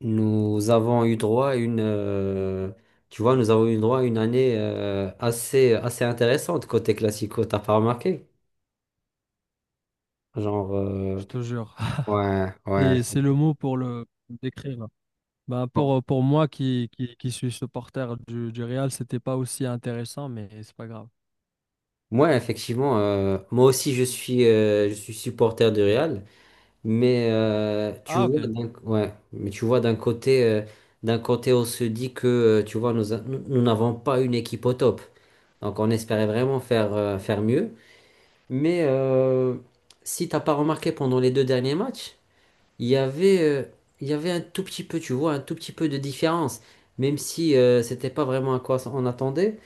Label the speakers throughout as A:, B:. A: Nous avons eu droit à une, tu vois, nous avons eu droit à une année assez intéressante côté classico, t'as pas remarqué? Genre,
B: Je te jure.
A: ouais, ouais.
B: Et c'est le mot pour le décrire là. Ben
A: Bon.
B: pour, pour moi qui suis supporter du Real, c'était pas aussi intéressant, mais c'est pas grave.
A: Moi, effectivement, moi aussi, je suis supporter du Real, mais tu
B: Ah,
A: vois,
B: ok,
A: ouais, mais tu vois, d'un côté, on se dit que, tu vois, nous, a- nous nous n'avons pas une équipe au top, donc on espérait vraiment faire mieux. Mais si t'as pas remarqué pendant les deux derniers matchs, il y avait, euh, il y avait un tout petit peu, tu vois, un tout petit peu de différence. Même si c'était pas vraiment à quoi on attendait,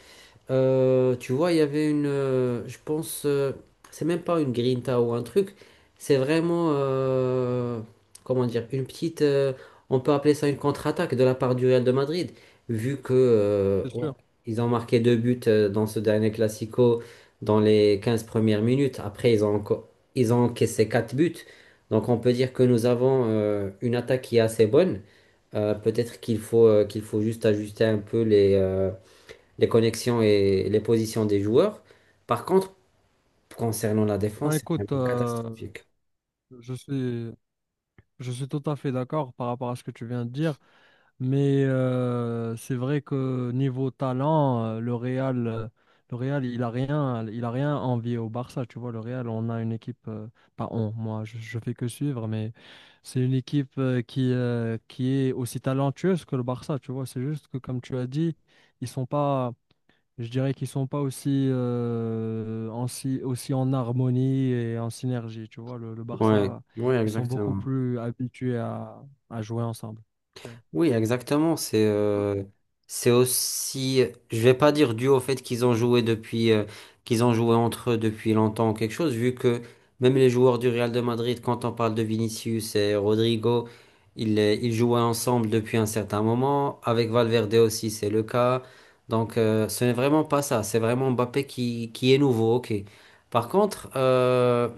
A: tu vois, il y avait une, je pense, c'est même pas une grinta ou un truc, c'est vraiment, comment dire, on peut appeler ça une contre-attaque de la part du Real de Madrid, vu que
B: c'est
A: ouais,
B: sûr.
A: ils ont marqué deux buts dans ce dernier Classico dans les 15 premières minutes. Après, ils ont encaissé quatre buts. Donc, on peut dire que nous avons une attaque qui est assez bonne. Peut-être qu'il faut juste ajuster un peu les connexions et les positions des joueurs. Par contre, concernant la
B: Ah,
A: défense, c'est
B: écoute,
A: vraiment catastrophique.
B: je suis, je suis tout à fait d'accord par rapport à ce que tu viens de dire. Mais c'est vrai que niveau talent, le Real, il a rien envié au Barça. Tu vois, le Real, on a une équipe, pas on, moi, je fais que suivre, mais c'est une équipe qui est aussi talentueuse que le Barça. Tu vois, c'est juste que comme tu as dit, ils sont pas, je dirais qu'ils sont pas aussi, en si- aussi en harmonie et en synergie. Tu vois, le
A: Ouais,
B: Barça,
A: ouais,
B: ils sont beaucoup
A: exactement.
B: plus habitués à jouer ensemble. Ouais.
A: Oui, exactement. C'est aussi, je vais pas dire dû au fait qu'ils ont joué entre eux depuis longtemps ou quelque chose, vu que même les joueurs du Real de Madrid, quand on parle de Vinicius et Rodrigo, ils jouaient ensemble depuis un certain moment. Avec Valverde aussi, c'est le cas. Donc, ce n'est vraiment pas ça. C'est vraiment Mbappé qui est nouveau, ok. Par contre,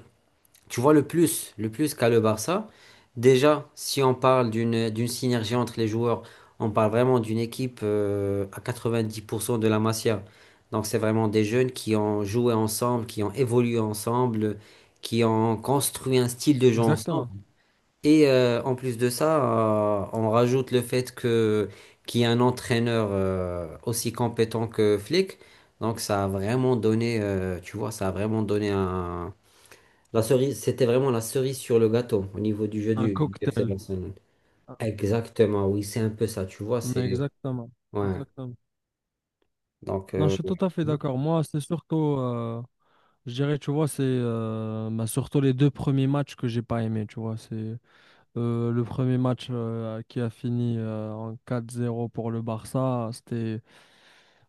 A: tu vois, le plus qu'a le Barça, déjà, si on parle d'une synergie entre les joueurs, on parle vraiment d'une équipe à 90% de la Masia. Donc, c'est vraiment des jeunes qui ont joué ensemble, qui ont évolué ensemble, qui ont construit un style de jeu ensemble.
B: Exactement.
A: Et en plus de ça, on rajoute le fait que qu'il y a un entraîneur aussi compétent que Flick. Donc, ça a vraiment donné c'était vraiment la cerise sur le gâteau au niveau du jeu
B: Un
A: du FC
B: cocktail.
A: Barcelone.
B: Ah.
A: Exactement, oui, c'est un peu ça, tu vois,
B: Exactement.
A: Ouais,
B: Exactement.
A: donc...
B: Non, je
A: euh,
B: suis tout à fait d'accord. Moi, c'est surtout, je dirais, tu vois, c'est bah, surtout les deux premiers matchs que j'ai pas aimé, tu vois. C'est le premier match qui a fini en 4-0 pour le Barça. C'était,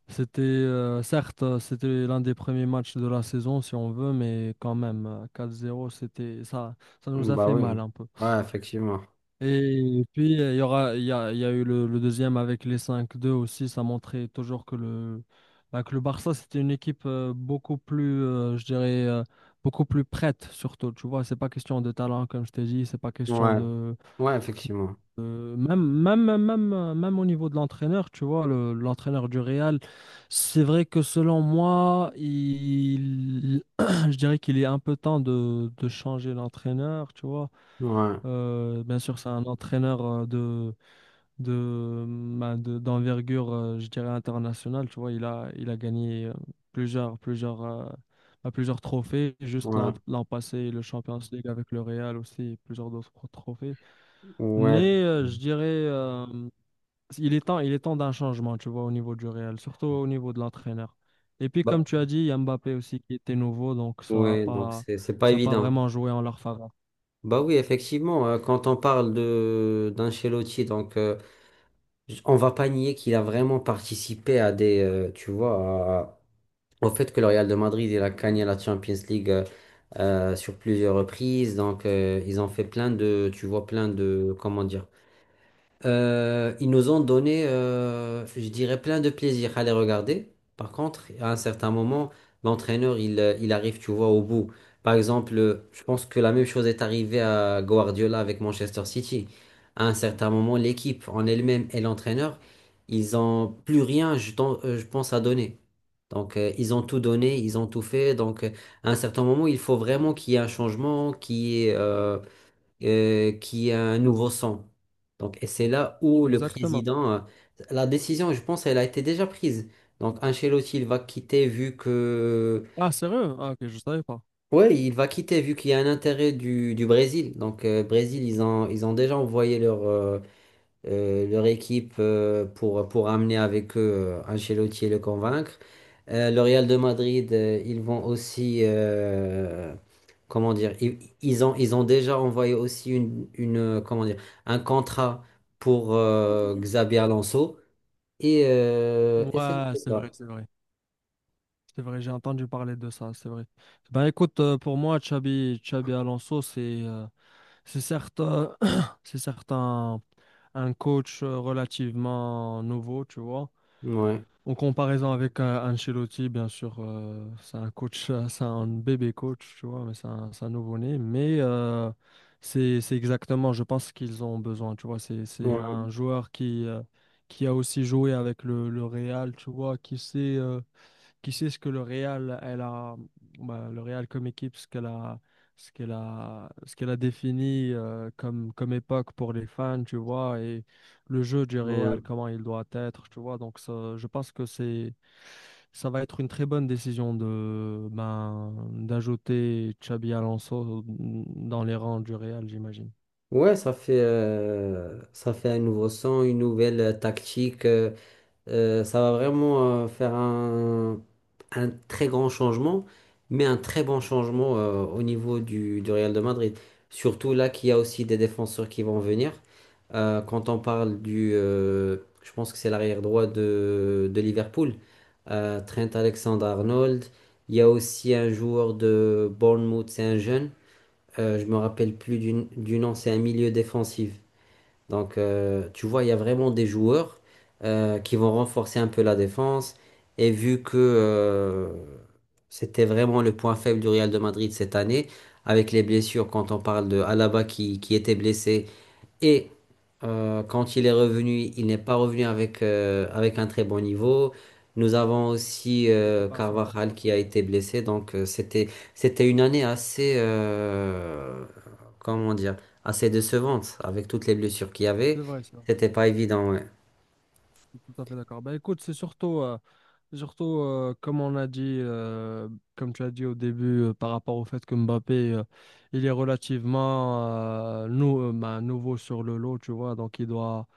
B: c'était certes, c'était l'un des premiers matchs de la saison, si on veut, mais quand même, 4-0, c'était ça, ça nous
A: mm,
B: a
A: Bah
B: fait
A: oui,
B: mal un peu.
A: ouais, effectivement.
B: Et puis, il y a eu le deuxième avec les cinq deux aussi. Ça montrait toujours que bah, que le Barça, c'était une équipe beaucoup plus, je dirais, beaucoup plus prête, surtout. Tu vois, c'est pas question de talent, comme je t'ai dit. C'est pas question
A: Ouais,
B: de.
A: ouais, effectivement.
B: Même, même, même, même même au niveau de l'entraîneur, tu vois, l'entraîneur du Real, c'est vrai que selon moi, il, je dirais qu'il est un peu temps de changer l'entraîneur, tu vois.
A: Ouais,
B: Bien sûr, c'est un entraîneur de, ben, d'envergure, je dirais, internationale. Tu vois, il a gagné plusieurs, plusieurs, ben, plusieurs trophées, juste
A: ouais,
B: l'an passé, le Champions League avec le Real aussi, et plusieurs d'autres trophées.
A: ouais.
B: Mais je dirais, il est temps d'un changement, tu vois, au niveau du Real, surtout au niveau de l'entraîneur. Et puis,
A: Bah,
B: comme tu as dit, il y a Mbappé aussi qui était nouveau, donc
A: ouais, donc c'est pas
B: ça a pas
A: évident.
B: vraiment joué en leur faveur.
A: Bah oui, effectivement, quand on parle de d'Ancelotti, donc on va pas nier qu'il a vraiment participé à tu vois, au fait que le Real de Madrid, il a gagné la Champions League sur plusieurs reprises. Donc, ils ont fait plein de, tu vois, plein de, comment dire, ils nous ont donné, je dirais, plein de plaisir à les regarder. Par contre, à un certain moment, l'entraîneur, il arrive, tu vois, au bout. Par exemple, je pense que la même chose est arrivée à Guardiola avec Manchester City. À un certain moment, l'équipe en elle-même et l'entraîneur, ils ont plus rien, je pense, à donner. Donc, ils ont tout donné, ils ont tout fait. Donc, à un certain moment, il faut vraiment qu'il y ait un changement, qu'il y ait un nouveau sang. Donc, et c'est là où le
B: Exactement.
A: président, la décision, je pense, elle a été déjà prise. Donc, Ancelotti, il va quitter vu que,
B: Ah, sérieux? Ah, ok, je savais pas.
A: ouais, il va quitter vu qu'il y a un intérêt du Brésil. Donc, Brésil, ils ont déjà envoyé leur équipe pour amener avec eux Ancelotti et le convaincre. Le Real de Madrid, ils vont aussi, comment dire, ils ont déjà envoyé aussi comment dire, un contrat pour Xabi Alonso. Et c'est
B: Ouais, c'est vrai,
A: ça.
B: c'est vrai. C'est vrai, j'ai entendu parler de ça, c'est vrai. Ben écoute, pour moi, Xabi, Xabi Alonso, c'est certes, c'est certes un coach relativement nouveau, tu vois.
A: Ouais.
B: En comparaison avec Ancelotti, bien sûr, c'est un coach, c'est un bébé coach, tu vois, mais c'est un nouveau-né. Mais c'est exactement, je pense qu'ils ont besoin, tu vois. C'est
A: Ouais,
B: un joueur qui a aussi joué avec le Real, tu vois, qui sait. Qui sait ce que le Real, elle a, bah, le Real comme équipe, ce qu'elle a, ce qu'elle a, ce qu'elle a défini comme, comme époque pour les fans, tu vois, et le jeu du
A: ouais.
B: Real, comment il doit être, tu vois. Donc, ça, je pense que c'est, ça va être une très bonne décision de, ben, d'ajouter Xabi Alonso dans les rangs du Real, j'imagine.
A: Ouais, ça fait un nouveau son, une nouvelle tactique. Ça va vraiment faire un très grand changement, mais un très bon changement au niveau du Real de Madrid. Surtout là qu'il y a aussi des défenseurs qui vont venir. Quand on parle je pense que c'est l'arrière droit de Liverpool, Trent Alexander-Arnold. Il y a aussi un joueur de Bournemouth, c'est un jeune. Je me rappelle plus du nom, c'est un milieu défensif. Donc, tu vois, il y a vraiment des joueurs qui vont renforcer un peu la défense. Et vu que c'était vraiment le point faible du Real de Madrid cette année, avec les blessures, quand on parle de Alaba qui était blessé, et quand il est revenu, il n'est pas revenu avec un très bon niveau. Nous avons aussi
B: Il n'était pas à
A: Carvajal
B: 100%,
A: qui
B: c'est
A: a
B: vrai.
A: été blessé. Donc c'était une année comment dire, assez décevante avec toutes les blessures qu'il y
B: C'est
A: avait.
B: vrai, ça.
A: C'était pas évident, ouais.
B: Tout à fait d'accord. Bah, écoute, c'est surtout, surtout comme on a dit, comme tu as dit au début, par rapport au fait que Mbappé, il est relativement bah, nouveau sur le lot, tu vois. Donc, il doit,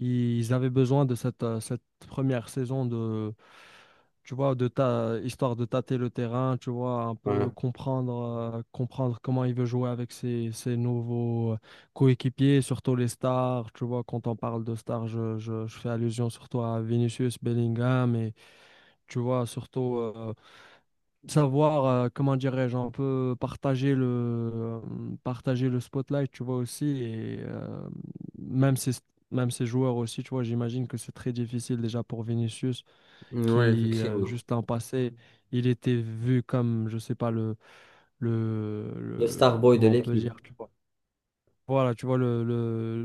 B: ils avaient besoin de cette, cette première saison de, tu vois, histoire de tâter le terrain, tu vois, un
A: Ouais,
B: peu comprendre, comprendre comment il veut jouer avec ses, ses nouveaux coéquipiers, surtout les stars. Tu vois, quand on parle de stars, je, je fais allusion surtout à Vinicius, Bellingham et tu vois, surtout savoir, comment dirais-je, un peu euh, partager le spotlight, tu vois aussi. Et même ces, même ces joueurs aussi, tu vois, j'imagine que c'est très difficile déjà pour Vinicius
A: ouais,
B: qui,
A: effectivement.
B: juste l'an passé, il était vu comme, je sais pas, le,
A: Le star boy de
B: comment on peut
A: l'équipe.
B: dire, tu vois voilà, tu vois,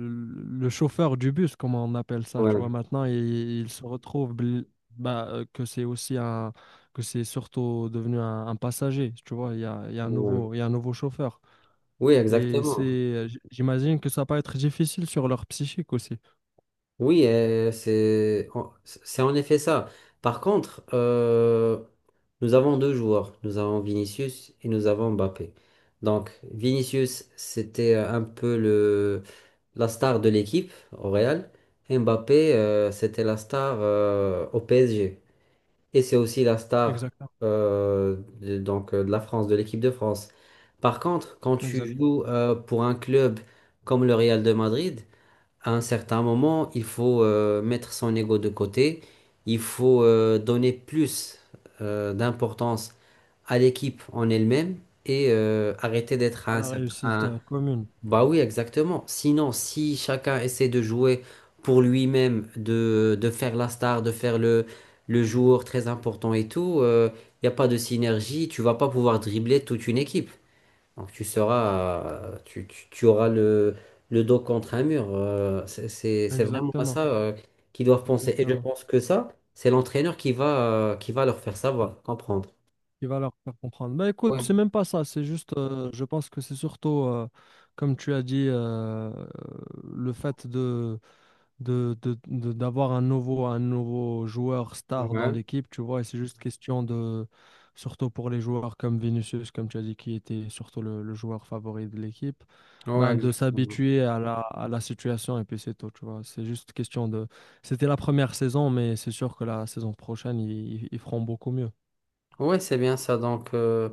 B: le chauffeur du bus, comme on appelle ça, tu
A: Ouais.
B: vois, maintenant, il se retrouve bah, que c'est surtout devenu un passager, tu vois, il y a un
A: Ouais.
B: nouveau, il y a un nouveau chauffeur.
A: Oui,
B: Et
A: exactement.
B: c'est, j'imagine que ça peut être difficile sur leur psychique aussi.
A: Oui, c'est en effet ça. Par contre, nous avons deux joueurs. Nous avons Vinicius et nous avons Mbappé. Donc, Vinicius, c'était un peu la star de l'équipe au Real. Et Mbappé, c'était la star au PSG. Et c'est aussi la star
B: Exactement,
A: de la France, de l'équipe de France. Par contre, quand tu
B: exactement.
A: joues pour un club comme le Real de Madrid, à un certain moment, il faut mettre son ego de côté, il faut donner plus d'importance à l'équipe en elle-même et arrêter d'être
B: À
A: un
B: la
A: certain...
B: réussite
A: un-
B: commune.
A: Bah oui, exactement. Sinon, si chacun essaie de jouer pour lui-même, de faire la star, de faire le joueur très important et tout, il n'y a pas de synergie, tu vas pas pouvoir dribbler toute une équipe. Donc tu seras, tu, tu- tu auras le dos contre un mur. C'est vraiment à
B: Exactement,
A: ça qu'ils doivent penser. Et je
B: exactement.
A: pense que ça, c'est l'entraîneur qui va leur faire savoir, comprendre.
B: Il va leur faire comprendre. Bah écoute,
A: Ouais,
B: c'est même pas ça, c'est juste, je pense que c'est surtout, comme tu as dit, le fait de, d'avoir un nouveau joueur star dans
A: ouais,
B: l'équipe, tu vois, et c'est juste question de, surtout pour les joueurs comme Vinicius, comme tu as dit, qui était surtout le joueur favori de l'équipe,
A: ouais,
B: ben de
A: exactement.
B: s'habituer à la situation et puis c'est tout, tu vois. C'est juste question de… C'était la première saison, mais c'est sûr que la saison prochaine, ils feront beaucoup mieux.
A: Ouais, c'est bien ça. Donc,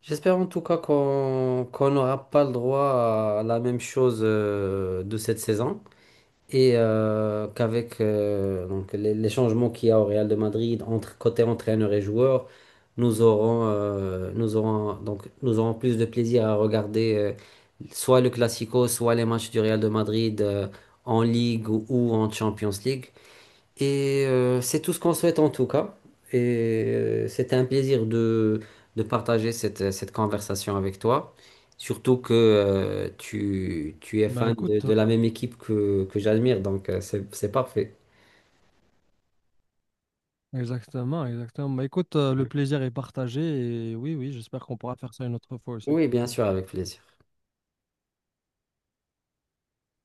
A: j'espère en tout cas qu'on n'aura pas le droit à la même chose de cette saison. Et qu'avec donc les changements qu'il y a au Real de Madrid entre côté entraîneur et joueur, nous aurons plus de plaisir à regarder soit le Classico, soit les matchs du Real de Madrid en Ligue ou en Champions League. Et c'est tout ce qu'on souhaite en tout cas. Et c'était un plaisir de partager cette conversation avec toi. Surtout que tu es
B: Bah
A: fan de,
B: écoute.
A: de la même équipe que j'admire, donc c'est parfait.
B: Exactement, exactement. Bah, écoute, le plaisir est partagé et oui, oui, j'espère qu'on pourra faire ça une autre fois aussi.
A: Oui, bien sûr, avec plaisir.